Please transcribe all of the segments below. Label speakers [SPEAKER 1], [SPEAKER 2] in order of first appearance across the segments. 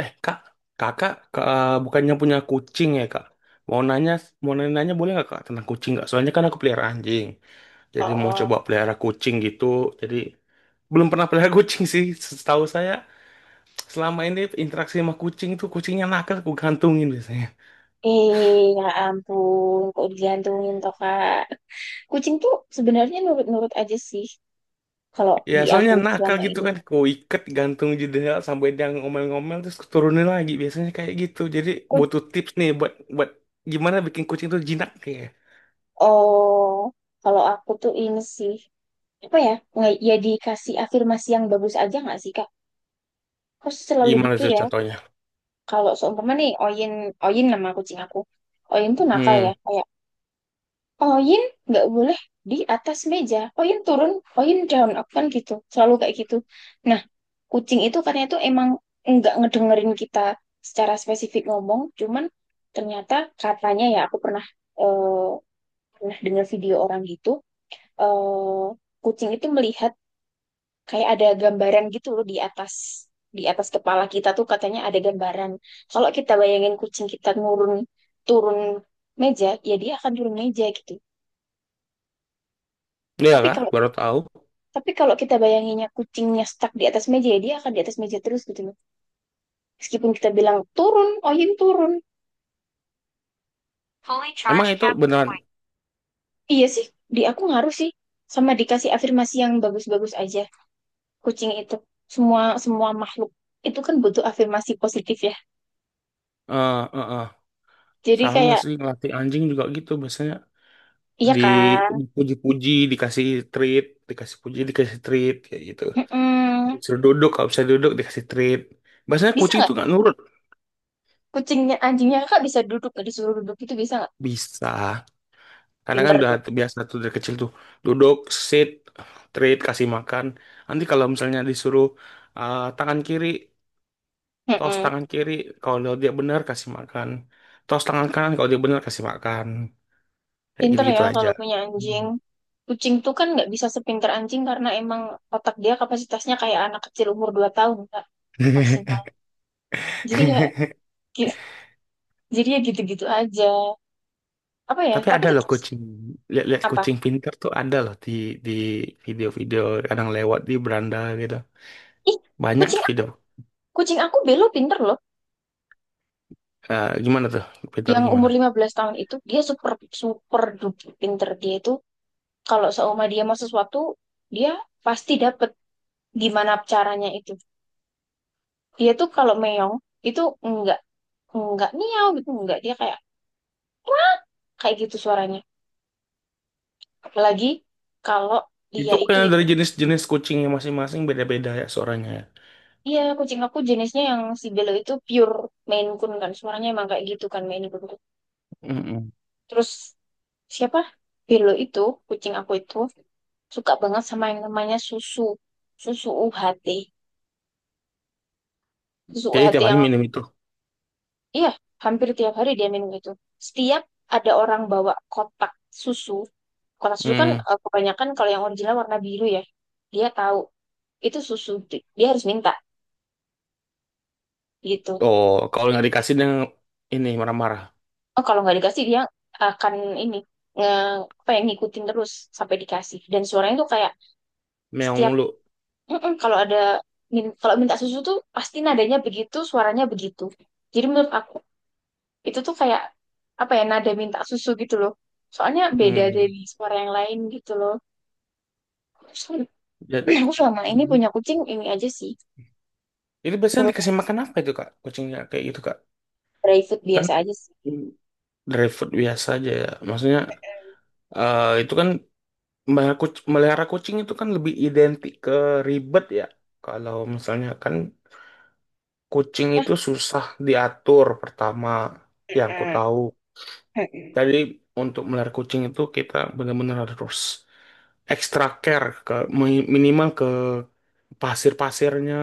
[SPEAKER 1] Eh, Kak, Kakak, Kak, eh, bukannya punya kucing ya, Kak? Mau nanya, mau nanya, boleh nggak, Kak, tentang kucing nggak? Soalnya kan aku pelihara anjing. Jadi mau
[SPEAKER 2] Oh,
[SPEAKER 1] coba pelihara kucing gitu. Jadi belum pernah pelihara kucing sih. Setahu saya, selama ini interaksi sama kucing itu kucingnya nakal, aku gantungin biasanya.
[SPEAKER 2] ya ampun, kok digantungin toh, Kak. Kucing tuh sebenarnya nurut-nurut aja sih kalau
[SPEAKER 1] Ya,
[SPEAKER 2] di aku
[SPEAKER 1] soalnya nakal
[SPEAKER 2] selama
[SPEAKER 1] gitu
[SPEAKER 2] ini.
[SPEAKER 1] kan, aku ikat gantung jendela sampai dia ngomel-ngomel terus aku turunin lagi. Biasanya kayak gitu. Jadi
[SPEAKER 2] Ku-
[SPEAKER 1] butuh tips nih buat buat gimana bikin kucing itu jinak kayak.
[SPEAKER 2] oh, kalau aku tuh ini sih apa ya? Nggak, ya dikasih afirmasi yang bagus aja nggak sih, Kak? Kok selalu
[SPEAKER 1] Gimana
[SPEAKER 2] gitu
[SPEAKER 1] tuh
[SPEAKER 2] ya?
[SPEAKER 1] contohnya?
[SPEAKER 2] Kalau seumpama nih Oyin, Oyin nama kucing aku. Oyin tuh nakal ya,
[SPEAKER 1] Hmm.
[SPEAKER 2] kayak Oyin nggak boleh di atas meja. Oyin turun, Oyin down. Aku kan gitu, selalu kayak gitu. Nah, kucing itu katanya itu emang nggak ngedengerin kita secara spesifik ngomong, cuman ternyata katanya ya aku eh, pernah dengar video orang gitu, eh, kucing itu melihat kayak ada gambaran gitu loh di atas kepala kita tuh katanya ada gambaran. Kalau kita bayangin kucing kita turun turun meja, ya dia akan turun meja gitu.
[SPEAKER 1] Iya
[SPEAKER 2] Tapi
[SPEAKER 1] kah?
[SPEAKER 2] kalau
[SPEAKER 1] Baru tahu.
[SPEAKER 2] Tapi kalau kita bayanginnya kucingnya stuck di atas meja, ya dia akan di atas meja terus gitu loh. Meskipun kita bilang turun, Oyun turun. Fully
[SPEAKER 1] Emang
[SPEAKER 2] charged
[SPEAKER 1] itu
[SPEAKER 2] cat.
[SPEAKER 1] beneran
[SPEAKER 2] Iya sih, di aku ngaruh sih. Sama dikasih afirmasi yang bagus-bagus aja. Kucing itu, semua semua makhluk itu kan butuh afirmasi positif ya.
[SPEAKER 1] eh eh, eh.
[SPEAKER 2] Jadi
[SPEAKER 1] Sama
[SPEAKER 2] kayak,
[SPEAKER 1] sih ngelatih anjing juga gitu biasanya
[SPEAKER 2] iya
[SPEAKER 1] di
[SPEAKER 2] kan?
[SPEAKER 1] dipuji-puji, dikasih treat, dikasih puji, dikasih treat kayak gitu.
[SPEAKER 2] Mm-mm.
[SPEAKER 1] Disuruh duduk, kalau bisa duduk dikasih treat. Biasanya
[SPEAKER 2] Bisa
[SPEAKER 1] kucing
[SPEAKER 2] nggak
[SPEAKER 1] itu nggak nurut.
[SPEAKER 2] anjingnya kakak bisa duduk, nggak disuruh duduk itu bisa nggak?
[SPEAKER 1] Bisa. Karena kan
[SPEAKER 2] Pinter
[SPEAKER 1] udah
[SPEAKER 2] tuh.
[SPEAKER 1] biasa tuh dari kecil tuh duduk, sit, treat, kasih makan. Nanti kalau misalnya disuruh tangan kiri, tos
[SPEAKER 2] Mm-mm.
[SPEAKER 1] tangan kiri, kalau dia benar kasih makan. Tos tangan kanan kalau dia benar kasih makan. Kayak
[SPEAKER 2] Pinter ya
[SPEAKER 1] gitu-gitu aja.
[SPEAKER 2] kalau punya
[SPEAKER 1] Hmm.
[SPEAKER 2] anjing. Kucing tuh kan nggak bisa sepinter anjing karena emang otak dia kapasitasnya kayak anak kecil umur 2 tahun Kak, maksimal. Jadi ya gi- jadi ya gitu-gitu aja. Apa ya?
[SPEAKER 1] Tapi
[SPEAKER 2] Tapi
[SPEAKER 1] ada loh
[SPEAKER 2] tetap sih
[SPEAKER 1] kucing, lihat-lihat
[SPEAKER 2] apa?
[SPEAKER 1] kucing pintar tuh ada loh di video-video kadang lewat di beranda gitu.
[SPEAKER 2] Ih,
[SPEAKER 1] Banyak
[SPEAKER 2] kucing aku,
[SPEAKER 1] video.
[SPEAKER 2] kucing aku Belo pinter loh.
[SPEAKER 1] Eh, gimana tuh? Pintar
[SPEAKER 2] Yang
[SPEAKER 1] gimana?
[SPEAKER 2] umur 15 tahun itu dia super super duper pinter dia itu kalau seumur dia mau sesuatu dia pasti dapet gimana caranya itu. Dia tuh kalau meong itu enggak miau gitu enggak dia kayak kayak gitu suaranya. Apalagi kalau
[SPEAKER 1] Itu
[SPEAKER 2] dia itu
[SPEAKER 1] bukannya
[SPEAKER 2] ini.
[SPEAKER 1] dari jenis-jenis kucingnya masing-masing beda-beda ya suaranya ya.
[SPEAKER 2] Iya, kucing aku jenisnya yang si Belo itu pure Maine Coon kan. Suaranya emang kayak gitu kan Maine Coon.
[SPEAKER 1] Mm-mm.
[SPEAKER 2] Terus siapa? Belo itu, kucing aku itu suka banget sama yang namanya susu. Susu UHT. Susu
[SPEAKER 1] Jadi
[SPEAKER 2] UHT
[SPEAKER 1] tiap hari
[SPEAKER 2] yang
[SPEAKER 1] minum itu.
[SPEAKER 2] iya, hampir tiap hari dia minum itu. Setiap ada orang bawa kotak susu. Kotak susu kan
[SPEAKER 1] Mm.
[SPEAKER 2] kebanyakan kalau yang original warna biru ya. Dia tahu itu susu. Dia harus minta gitu.
[SPEAKER 1] Oh, kalau nggak dikasih dia ini marah-marah.
[SPEAKER 2] Oh, kalau nggak dikasih dia akan ini nge apa ya, ngikutin terus sampai dikasih. Dan suaranya tuh kayak
[SPEAKER 1] Meong
[SPEAKER 2] setiap
[SPEAKER 1] mulu.
[SPEAKER 2] "Mm-mm," kalau ada kalau minta susu tuh pasti nadanya begitu, suaranya begitu. Jadi menurut aku itu tuh kayak apa ya nada minta susu gitu loh. Soalnya beda
[SPEAKER 1] Hmm.
[SPEAKER 2] dari suara yang lain gitu loh. Terus
[SPEAKER 1] Ya,
[SPEAKER 2] aku selama ini punya kucing ini aja sih.
[SPEAKER 1] itu biasanya
[SPEAKER 2] Menurut
[SPEAKER 1] dikasih
[SPEAKER 2] aku
[SPEAKER 1] makan apa itu, Kak? Kucingnya kayak gitu, Kak.
[SPEAKER 2] Private
[SPEAKER 1] Kan
[SPEAKER 2] biasa aja sih.
[SPEAKER 1] dry food biasa aja ya. Maksudnya itu kan melihara kuc- melihara kucing, itu kan lebih identik ke ribet ya. Kalau misalnya kan kucing
[SPEAKER 2] Ah,
[SPEAKER 1] itu susah diatur pertama yang ku tahu. Jadi untuk melihara kucing itu kita benar-benar harus extra care ke mi- minimal ke pasir-pasirnya,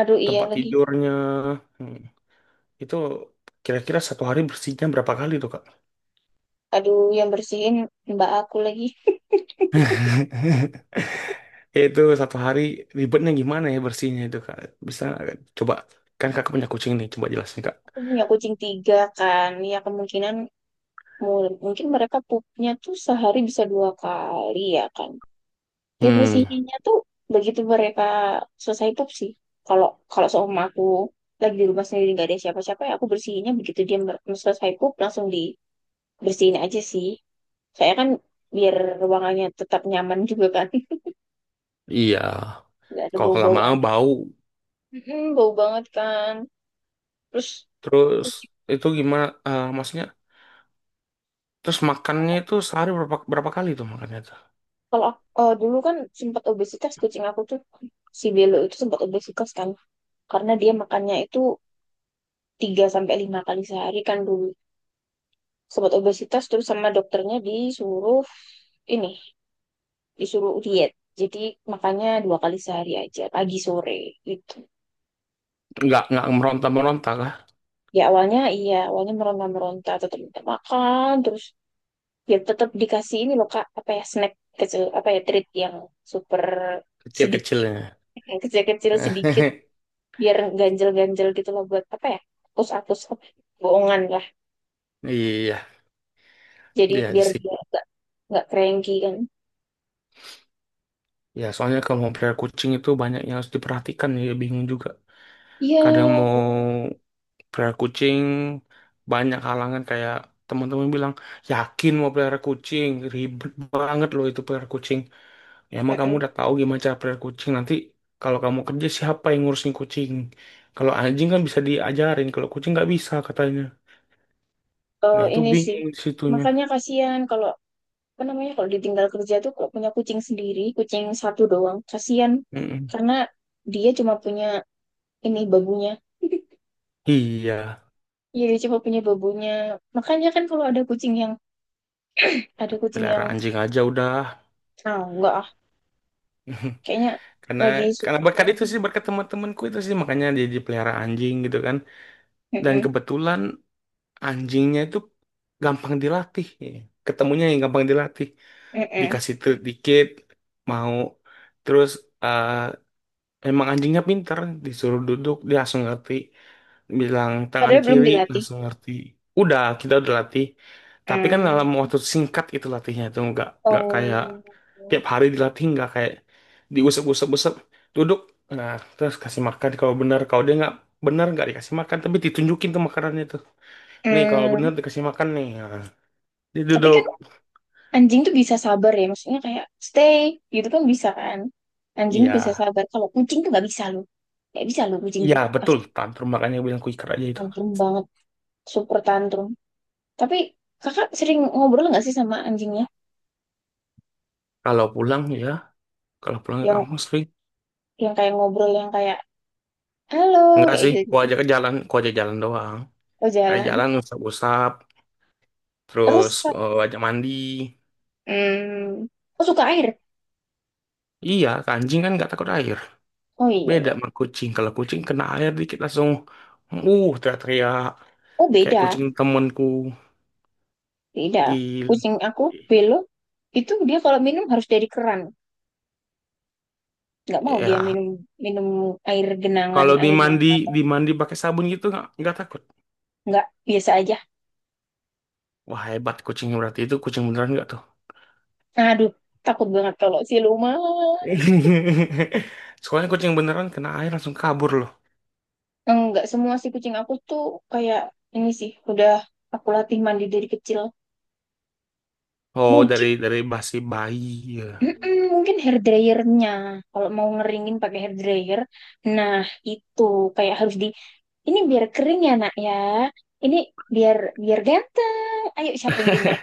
[SPEAKER 2] aduh iya
[SPEAKER 1] tempat
[SPEAKER 2] lagi.
[SPEAKER 1] tidurnya. Hmm, itu kira-kira satu hari bersihnya berapa kali tuh, Kak?
[SPEAKER 2] Aduh yang bersihin mbak aku lagi.
[SPEAKER 1] Ya, itu satu hari ribetnya gimana ya bersihnya itu, kak, bisa nggak, Kak? Coba, kan kakak punya kucing nih, coba jelasin, kak.
[SPEAKER 2] Aku punya kucing tiga kan ya kemungkinan Mungkin mereka pupnya tuh sehari bisa dua kali ya kan. Ya
[SPEAKER 1] Hmm,
[SPEAKER 2] bersihinnya tuh begitu mereka selesai pup sih. Kalau kalau seumpama aku lagi di rumah sendiri nggak ada siapa-siapa ya aku bersihinnya begitu dia selesai pup langsung dibersihin aja sih. Saya kan biar ruangannya tetap nyaman juga kan.
[SPEAKER 1] iya,
[SPEAKER 2] Nggak ada
[SPEAKER 1] kalau
[SPEAKER 2] bau-bau
[SPEAKER 1] lama-lama
[SPEAKER 2] aneh.
[SPEAKER 1] bau.
[SPEAKER 2] Mm-mm, bau banget kan. Terus
[SPEAKER 1] Terus
[SPEAKER 2] kucing
[SPEAKER 1] itu gimana, maksudnya terus makannya itu sehari berapa berapa kali tuh makannya tuh
[SPEAKER 2] dulu kan sempat obesitas kucing aku tuh si Belo itu sempat obesitas kan karena dia makannya itu tiga sampai lima kali sehari kan dulu sobat obesitas terus sama dokternya disuruh ini disuruh diet jadi makanya dua kali sehari aja pagi sore gitu.
[SPEAKER 1] nggak meronta meronta kah?
[SPEAKER 2] Ya awalnya iya awalnya meronta-meronta tetap minta makan terus ya tetap dikasih ini loh kak apa ya snack kecil apa ya treat yang super
[SPEAKER 1] Kecil
[SPEAKER 2] sedikit
[SPEAKER 1] kecilnya.
[SPEAKER 2] yang kecil-kecil sedikit biar ganjel-ganjel gitu loh buat apa ya hapus-hapus bohongan lah
[SPEAKER 1] Iya.
[SPEAKER 2] jadi
[SPEAKER 1] Iya
[SPEAKER 2] biar
[SPEAKER 1] sih,
[SPEAKER 2] dia nggak cranky kan
[SPEAKER 1] ya soalnya kalau mau pelihara kucing itu banyak yang harus diperhatikan ya, bingung juga.
[SPEAKER 2] iya.
[SPEAKER 1] Kadang mau pelihara kucing banyak halangan kayak teman-teman bilang, yakin mau pelihara kucing? Ribet banget loh itu pelihara kucing. Ya, emang kamu
[SPEAKER 2] Mm-mm.
[SPEAKER 1] udah tahu gimana cara pelihara kucing nanti kalau kamu kerja siapa yang ngurusin kucing? Kalau anjing kan bisa diajarin, kalau kucing nggak bisa katanya.
[SPEAKER 2] Eh,
[SPEAKER 1] Nah, itu
[SPEAKER 2] ini sih
[SPEAKER 1] bingung di situnya.
[SPEAKER 2] makanya kasihan kalau apa namanya kalau ditinggal kerja tuh kalau punya kucing sendiri kucing satu doang kasihan
[SPEAKER 1] Mm-mm.
[SPEAKER 2] karena dia cuma punya ini babunya.
[SPEAKER 1] Iya,
[SPEAKER 2] Iya, dia cuma punya babunya. Makanya kan kalau ada kucing yang ada kucing
[SPEAKER 1] pelihara
[SPEAKER 2] yang
[SPEAKER 1] anjing aja udah.
[SPEAKER 2] ah enggak ah kayaknya
[SPEAKER 1] karena
[SPEAKER 2] lagi
[SPEAKER 1] karena
[SPEAKER 2] suka
[SPEAKER 1] berkat
[SPEAKER 2] banget
[SPEAKER 1] itu
[SPEAKER 2] sama.
[SPEAKER 1] sih, berkat teman-temanku itu sih makanya dia dipelihara anjing gitu kan. Dan
[SPEAKER 2] Mm-mm,
[SPEAKER 1] kebetulan anjingnya itu gampang dilatih ya. Ketemunya yang gampang dilatih,
[SPEAKER 2] mm-mm.
[SPEAKER 1] dikasih treat dikit mau terus. eh, Emang anjingnya pinter, disuruh duduk dia langsung ngerti, bilang tangan
[SPEAKER 2] Padahal belum
[SPEAKER 1] kiri
[SPEAKER 2] dilatih.
[SPEAKER 1] langsung ngerti. Udah kita udah latih, tapi kan dalam
[SPEAKER 2] Mm.
[SPEAKER 1] waktu singkat itu latihnya itu nggak kayak
[SPEAKER 2] Oh.
[SPEAKER 1] tiap hari dilatih, nggak kayak diusap-usap-usap, duduk, nah, terus kasih makan kalau benar, kalau dia nggak benar nggak dikasih makan tapi ditunjukin tuh makanannya tuh. Nih kalau
[SPEAKER 2] Mm.
[SPEAKER 1] bener dikasih makan nih. Ya. Dia
[SPEAKER 2] Tapi
[SPEAKER 1] duduk.
[SPEAKER 2] kan anjing tuh bisa sabar ya, maksudnya kayak stay gitu kan bisa kan. Anjing tuh bisa
[SPEAKER 1] Iya.
[SPEAKER 2] sabar, kalau kucing tuh nggak bisa loh. Nggak bisa loh kucing
[SPEAKER 1] Iya
[SPEAKER 2] tuh,
[SPEAKER 1] betul.
[SPEAKER 2] pasti
[SPEAKER 1] Tantrum, makanya gue bilang quicker aja itu.
[SPEAKER 2] tantrum banget, super tantrum. Tapi kakak sering ngobrol nggak sih sama anjingnya?
[SPEAKER 1] Kalau pulang ya. Kalau pulang ke
[SPEAKER 2] Yang
[SPEAKER 1] kampus sih.
[SPEAKER 2] yang kayak ngobrol yang kayak halo
[SPEAKER 1] Enggak
[SPEAKER 2] kayak
[SPEAKER 1] sih. Gue
[SPEAKER 2] gitu-gitu.
[SPEAKER 1] ajak ke jalan. Gue ajak jalan doang.
[SPEAKER 2] Oh,
[SPEAKER 1] Ajak
[SPEAKER 2] jalan.
[SPEAKER 1] jalan usap-usap.
[SPEAKER 2] Terus
[SPEAKER 1] Terus
[SPEAKER 2] Kak,
[SPEAKER 1] ajak mandi.
[SPEAKER 2] hmm, oh suka air.
[SPEAKER 1] Iya. Anjing kan nggak takut air.
[SPEAKER 2] Oh, iya
[SPEAKER 1] Beda
[SPEAKER 2] iya.
[SPEAKER 1] sama kucing. Kalau kucing kena air dikit langsung. Uh, teriak-teriak.
[SPEAKER 2] Oh,
[SPEAKER 1] Kayak
[SPEAKER 2] beda,
[SPEAKER 1] kucing temenku.
[SPEAKER 2] beda.
[SPEAKER 1] Gil.
[SPEAKER 2] Kucing aku Belo itu dia kalau minum harus dari keran. Nggak mau dia
[SPEAKER 1] Ya.
[SPEAKER 2] minum minum air genangan
[SPEAKER 1] Kalau
[SPEAKER 2] air yang.
[SPEAKER 1] dimandi, dimandi pakai sabun gitu nggak takut.
[SPEAKER 2] Enggak, biasa aja.
[SPEAKER 1] Wah, hebat kucing, berarti itu kucing beneran nggak tuh?
[SPEAKER 2] Aduh, takut banget kalau siluman.
[SPEAKER 1] Soalnya kucing beneran kena air langsung kabur loh.
[SPEAKER 2] Enggak, semua sih kucing aku tuh kayak ini sih, udah aku latih mandi dari kecil.
[SPEAKER 1] Oh,
[SPEAKER 2] Mungkin,
[SPEAKER 1] dari basi bayi. Ya.
[SPEAKER 2] mm-mm, mungkin hair dryernya. Kalau mau ngeringin pakai hair dryer, nah itu kayak harus ini biar kering ya nak ya. Ini biar biar ganteng. Ayo siapa yang pintar?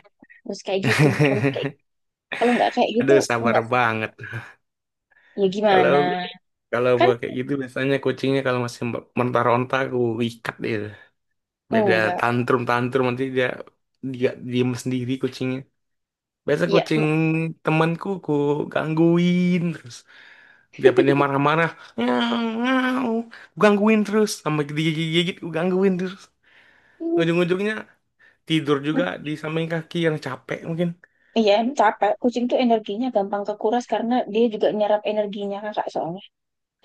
[SPEAKER 2] Terus kayak gitu, harus kayak gitu. Kalau nggak kayak gitu,
[SPEAKER 1] Aduh, sabar
[SPEAKER 2] enggak.
[SPEAKER 1] banget.
[SPEAKER 2] Ya
[SPEAKER 1] Kalau
[SPEAKER 2] gimana?
[SPEAKER 1] kalau gua
[SPEAKER 2] Kan
[SPEAKER 1] kayak gitu biasanya kucingnya kalau masih mentah-ronta aku ikat dia. Beda,
[SPEAKER 2] enggak.
[SPEAKER 1] tantrum tantrum nanti dia dia diem sendiri kucingnya. Biasa
[SPEAKER 2] Ya,
[SPEAKER 1] kucing temanku ku gangguin terus. Dia pengen marah-marah. Nyau, nyau. Gangguin terus. Sampai digigit-gigit, gangguin terus. Ujung-ujungnya tidur juga di samping kaki yang capek mungkin.
[SPEAKER 2] iya, emang capek. Kucing tuh energinya gampang kekuras karena dia juga nyerap energinya kakak soalnya.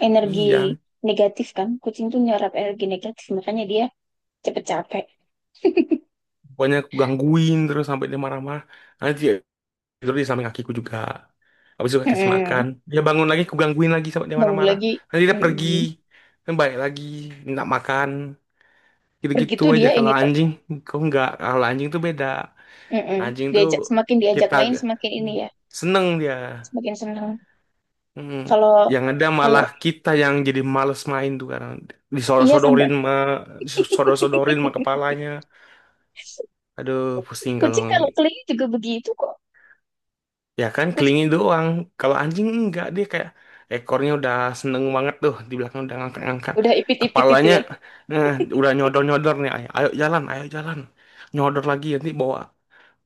[SPEAKER 2] Energi
[SPEAKER 1] Iya,
[SPEAKER 2] negatif kan. Kucing tuh nyerap energi negatif, makanya dia cepet capek.
[SPEAKER 1] pokoknya aku gangguin terus sampai dia marah-marah. Nanti dia tidur di samping kakiku juga. Habis itu aku kasih makan.
[SPEAKER 2] Mm-mm.
[SPEAKER 1] Dia bangun lagi, aku gangguin lagi sampai dia
[SPEAKER 2] Bangun
[SPEAKER 1] marah-marah.
[SPEAKER 2] lagi.
[SPEAKER 1] Nanti dia pergi.
[SPEAKER 2] Mm-mm.
[SPEAKER 1] Dan balik lagi, minta makan. Gitu-gitu
[SPEAKER 2] Begitu
[SPEAKER 1] aja
[SPEAKER 2] dia ini
[SPEAKER 1] kalau
[SPEAKER 2] tuh.
[SPEAKER 1] anjing. Kok enggak? Kalau anjing tuh beda.
[SPEAKER 2] Mm-mm.
[SPEAKER 1] Anjing tuh
[SPEAKER 2] Diajak, semakin diajak
[SPEAKER 1] kita
[SPEAKER 2] main, semakin ini ya.
[SPEAKER 1] seneng dia.
[SPEAKER 2] Semakin senang.
[SPEAKER 1] Mm,
[SPEAKER 2] Kalau,
[SPEAKER 1] yang ada
[SPEAKER 2] kalau,
[SPEAKER 1] malah kita yang jadi males main tuh karena
[SPEAKER 2] iya
[SPEAKER 1] disodor-sodorin
[SPEAKER 2] sampai.
[SPEAKER 1] mah disodor-sodorin mah kepalanya. Aduh, pusing kalau
[SPEAKER 2] Kucing kalau keliling juga begitu kok.
[SPEAKER 1] ya kan
[SPEAKER 2] Kucing
[SPEAKER 1] kelingin doang. Kalau anjing enggak, dia kayak ekornya udah seneng banget tuh di belakang udah ngangkat-ngangkat.
[SPEAKER 2] udah ipit-ipit itu
[SPEAKER 1] Kepalanya,
[SPEAKER 2] ya.
[SPEAKER 1] nah, udah nyodor-nyodor nih. Ayo, ayo jalan, ayo jalan. Nyodor lagi nanti bawa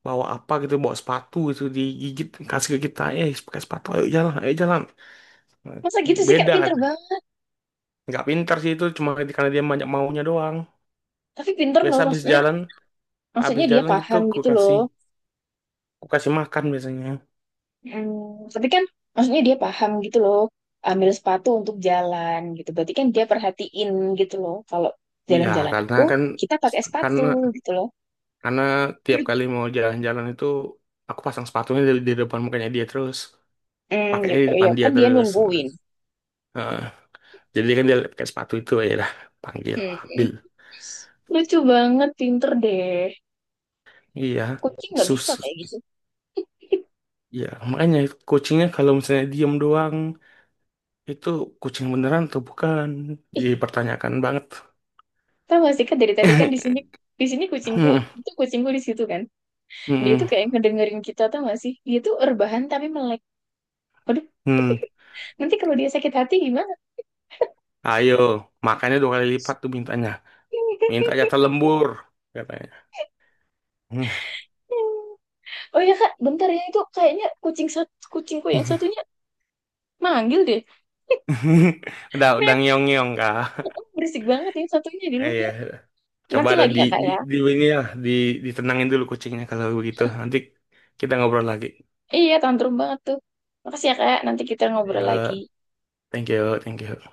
[SPEAKER 1] bawa apa gitu, bawa sepatu itu digigit kasih ke kita. Eh, pakai sepatu, ayo jalan, ayo jalan.
[SPEAKER 2] Masa gitu sih Kak,
[SPEAKER 1] Beda,
[SPEAKER 2] pinter banget.
[SPEAKER 1] nggak pintar sih itu, cuma karena dia banyak maunya doang.
[SPEAKER 2] Tapi pinter loh,
[SPEAKER 1] Biasa habis
[SPEAKER 2] maksudnya,
[SPEAKER 1] jalan, habis
[SPEAKER 2] maksudnya dia
[SPEAKER 1] jalan gitu
[SPEAKER 2] paham gitu loh.
[SPEAKER 1] ku kasih makan biasanya.
[SPEAKER 2] Hmm, tapi kan maksudnya dia paham gitu loh, ambil sepatu untuk jalan gitu. Berarti kan dia perhatiin gitu loh, kalau
[SPEAKER 1] Iya,
[SPEAKER 2] jalan-jalan
[SPEAKER 1] karena
[SPEAKER 2] itu
[SPEAKER 1] kan
[SPEAKER 2] kita pakai sepatu
[SPEAKER 1] karena
[SPEAKER 2] gitu loh.
[SPEAKER 1] karena tiap kali mau jalan-jalan itu aku pasang sepatunya di depan mukanya dia terus,
[SPEAKER 2] Hmm, ya,
[SPEAKER 1] pakainya di
[SPEAKER 2] ya
[SPEAKER 1] depan dia
[SPEAKER 2] kan dia
[SPEAKER 1] terus.
[SPEAKER 2] nungguin.
[SPEAKER 1] Heeh. Jadi kan dia pakai sepatu itu ya lah, panggil,
[SPEAKER 2] Hmm.
[SPEAKER 1] ambil.
[SPEAKER 2] Lucu banget, pinter deh.
[SPEAKER 1] Iya,
[SPEAKER 2] Kucing nggak bisa
[SPEAKER 1] sus.
[SPEAKER 2] kayak gitu.
[SPEAKER 1] Iya, makanya kucingnya kalau misalnya diem doang itu, kucing beneran atau bukan
[SPEAKER 2] Ih,
[SPEAKER 1] dipertanyakan banget.
[SPEAKER 2] tau gak sih kan dari tadi kan di sini kucingku itu kucingku di situ kan. Dia tuh
[SPEAKER 1] Mm-mm.
[SPEAKER 2] kayak ngedengerin kita tau gak sih? Dia tuh rebahan tapi melek. Waduh,
[SPEAKER 1] Hmm.
[SPEAKER 2] nanti kalau dia sakit hati gimana?
[SPEAKER 1] Ayo, makanya 2 kali lipat tuh mintanya. Minta jatah lembur, katanya.
[SPEAKER 2] Oh iya kak, bentar ya itu kayaknya kucing satu, kucingku yang satunya manggil deh.
[SPEAKER 1] Udah
[SPEAKER 2] Meow, meow.
[SPEAKER 1] ngeong-ngeong, Kak.
[SPEAKER 2] Oh, berisik banget yang satunya di
[SPEAKER 1] Eh, iya.
[SPEAKER 2] luar.
[SPEAKER 1] Coba
[SPEAKER 2] Nanti
[SPEAKER 1] ada
[SPEAKER 2] lagi ya kak ya.
[SPEAKER 1] di ini lah, di, ditenangin dulu kucingnya kalau begitu. Nanti kita ngobrol lagi.
[SPEAKER 2] Iya, tantrum banget tuh. Makasih ya kak, nanti kita ngobrol lagi.
[SPEAKER 1] Ya, thank you, thank you.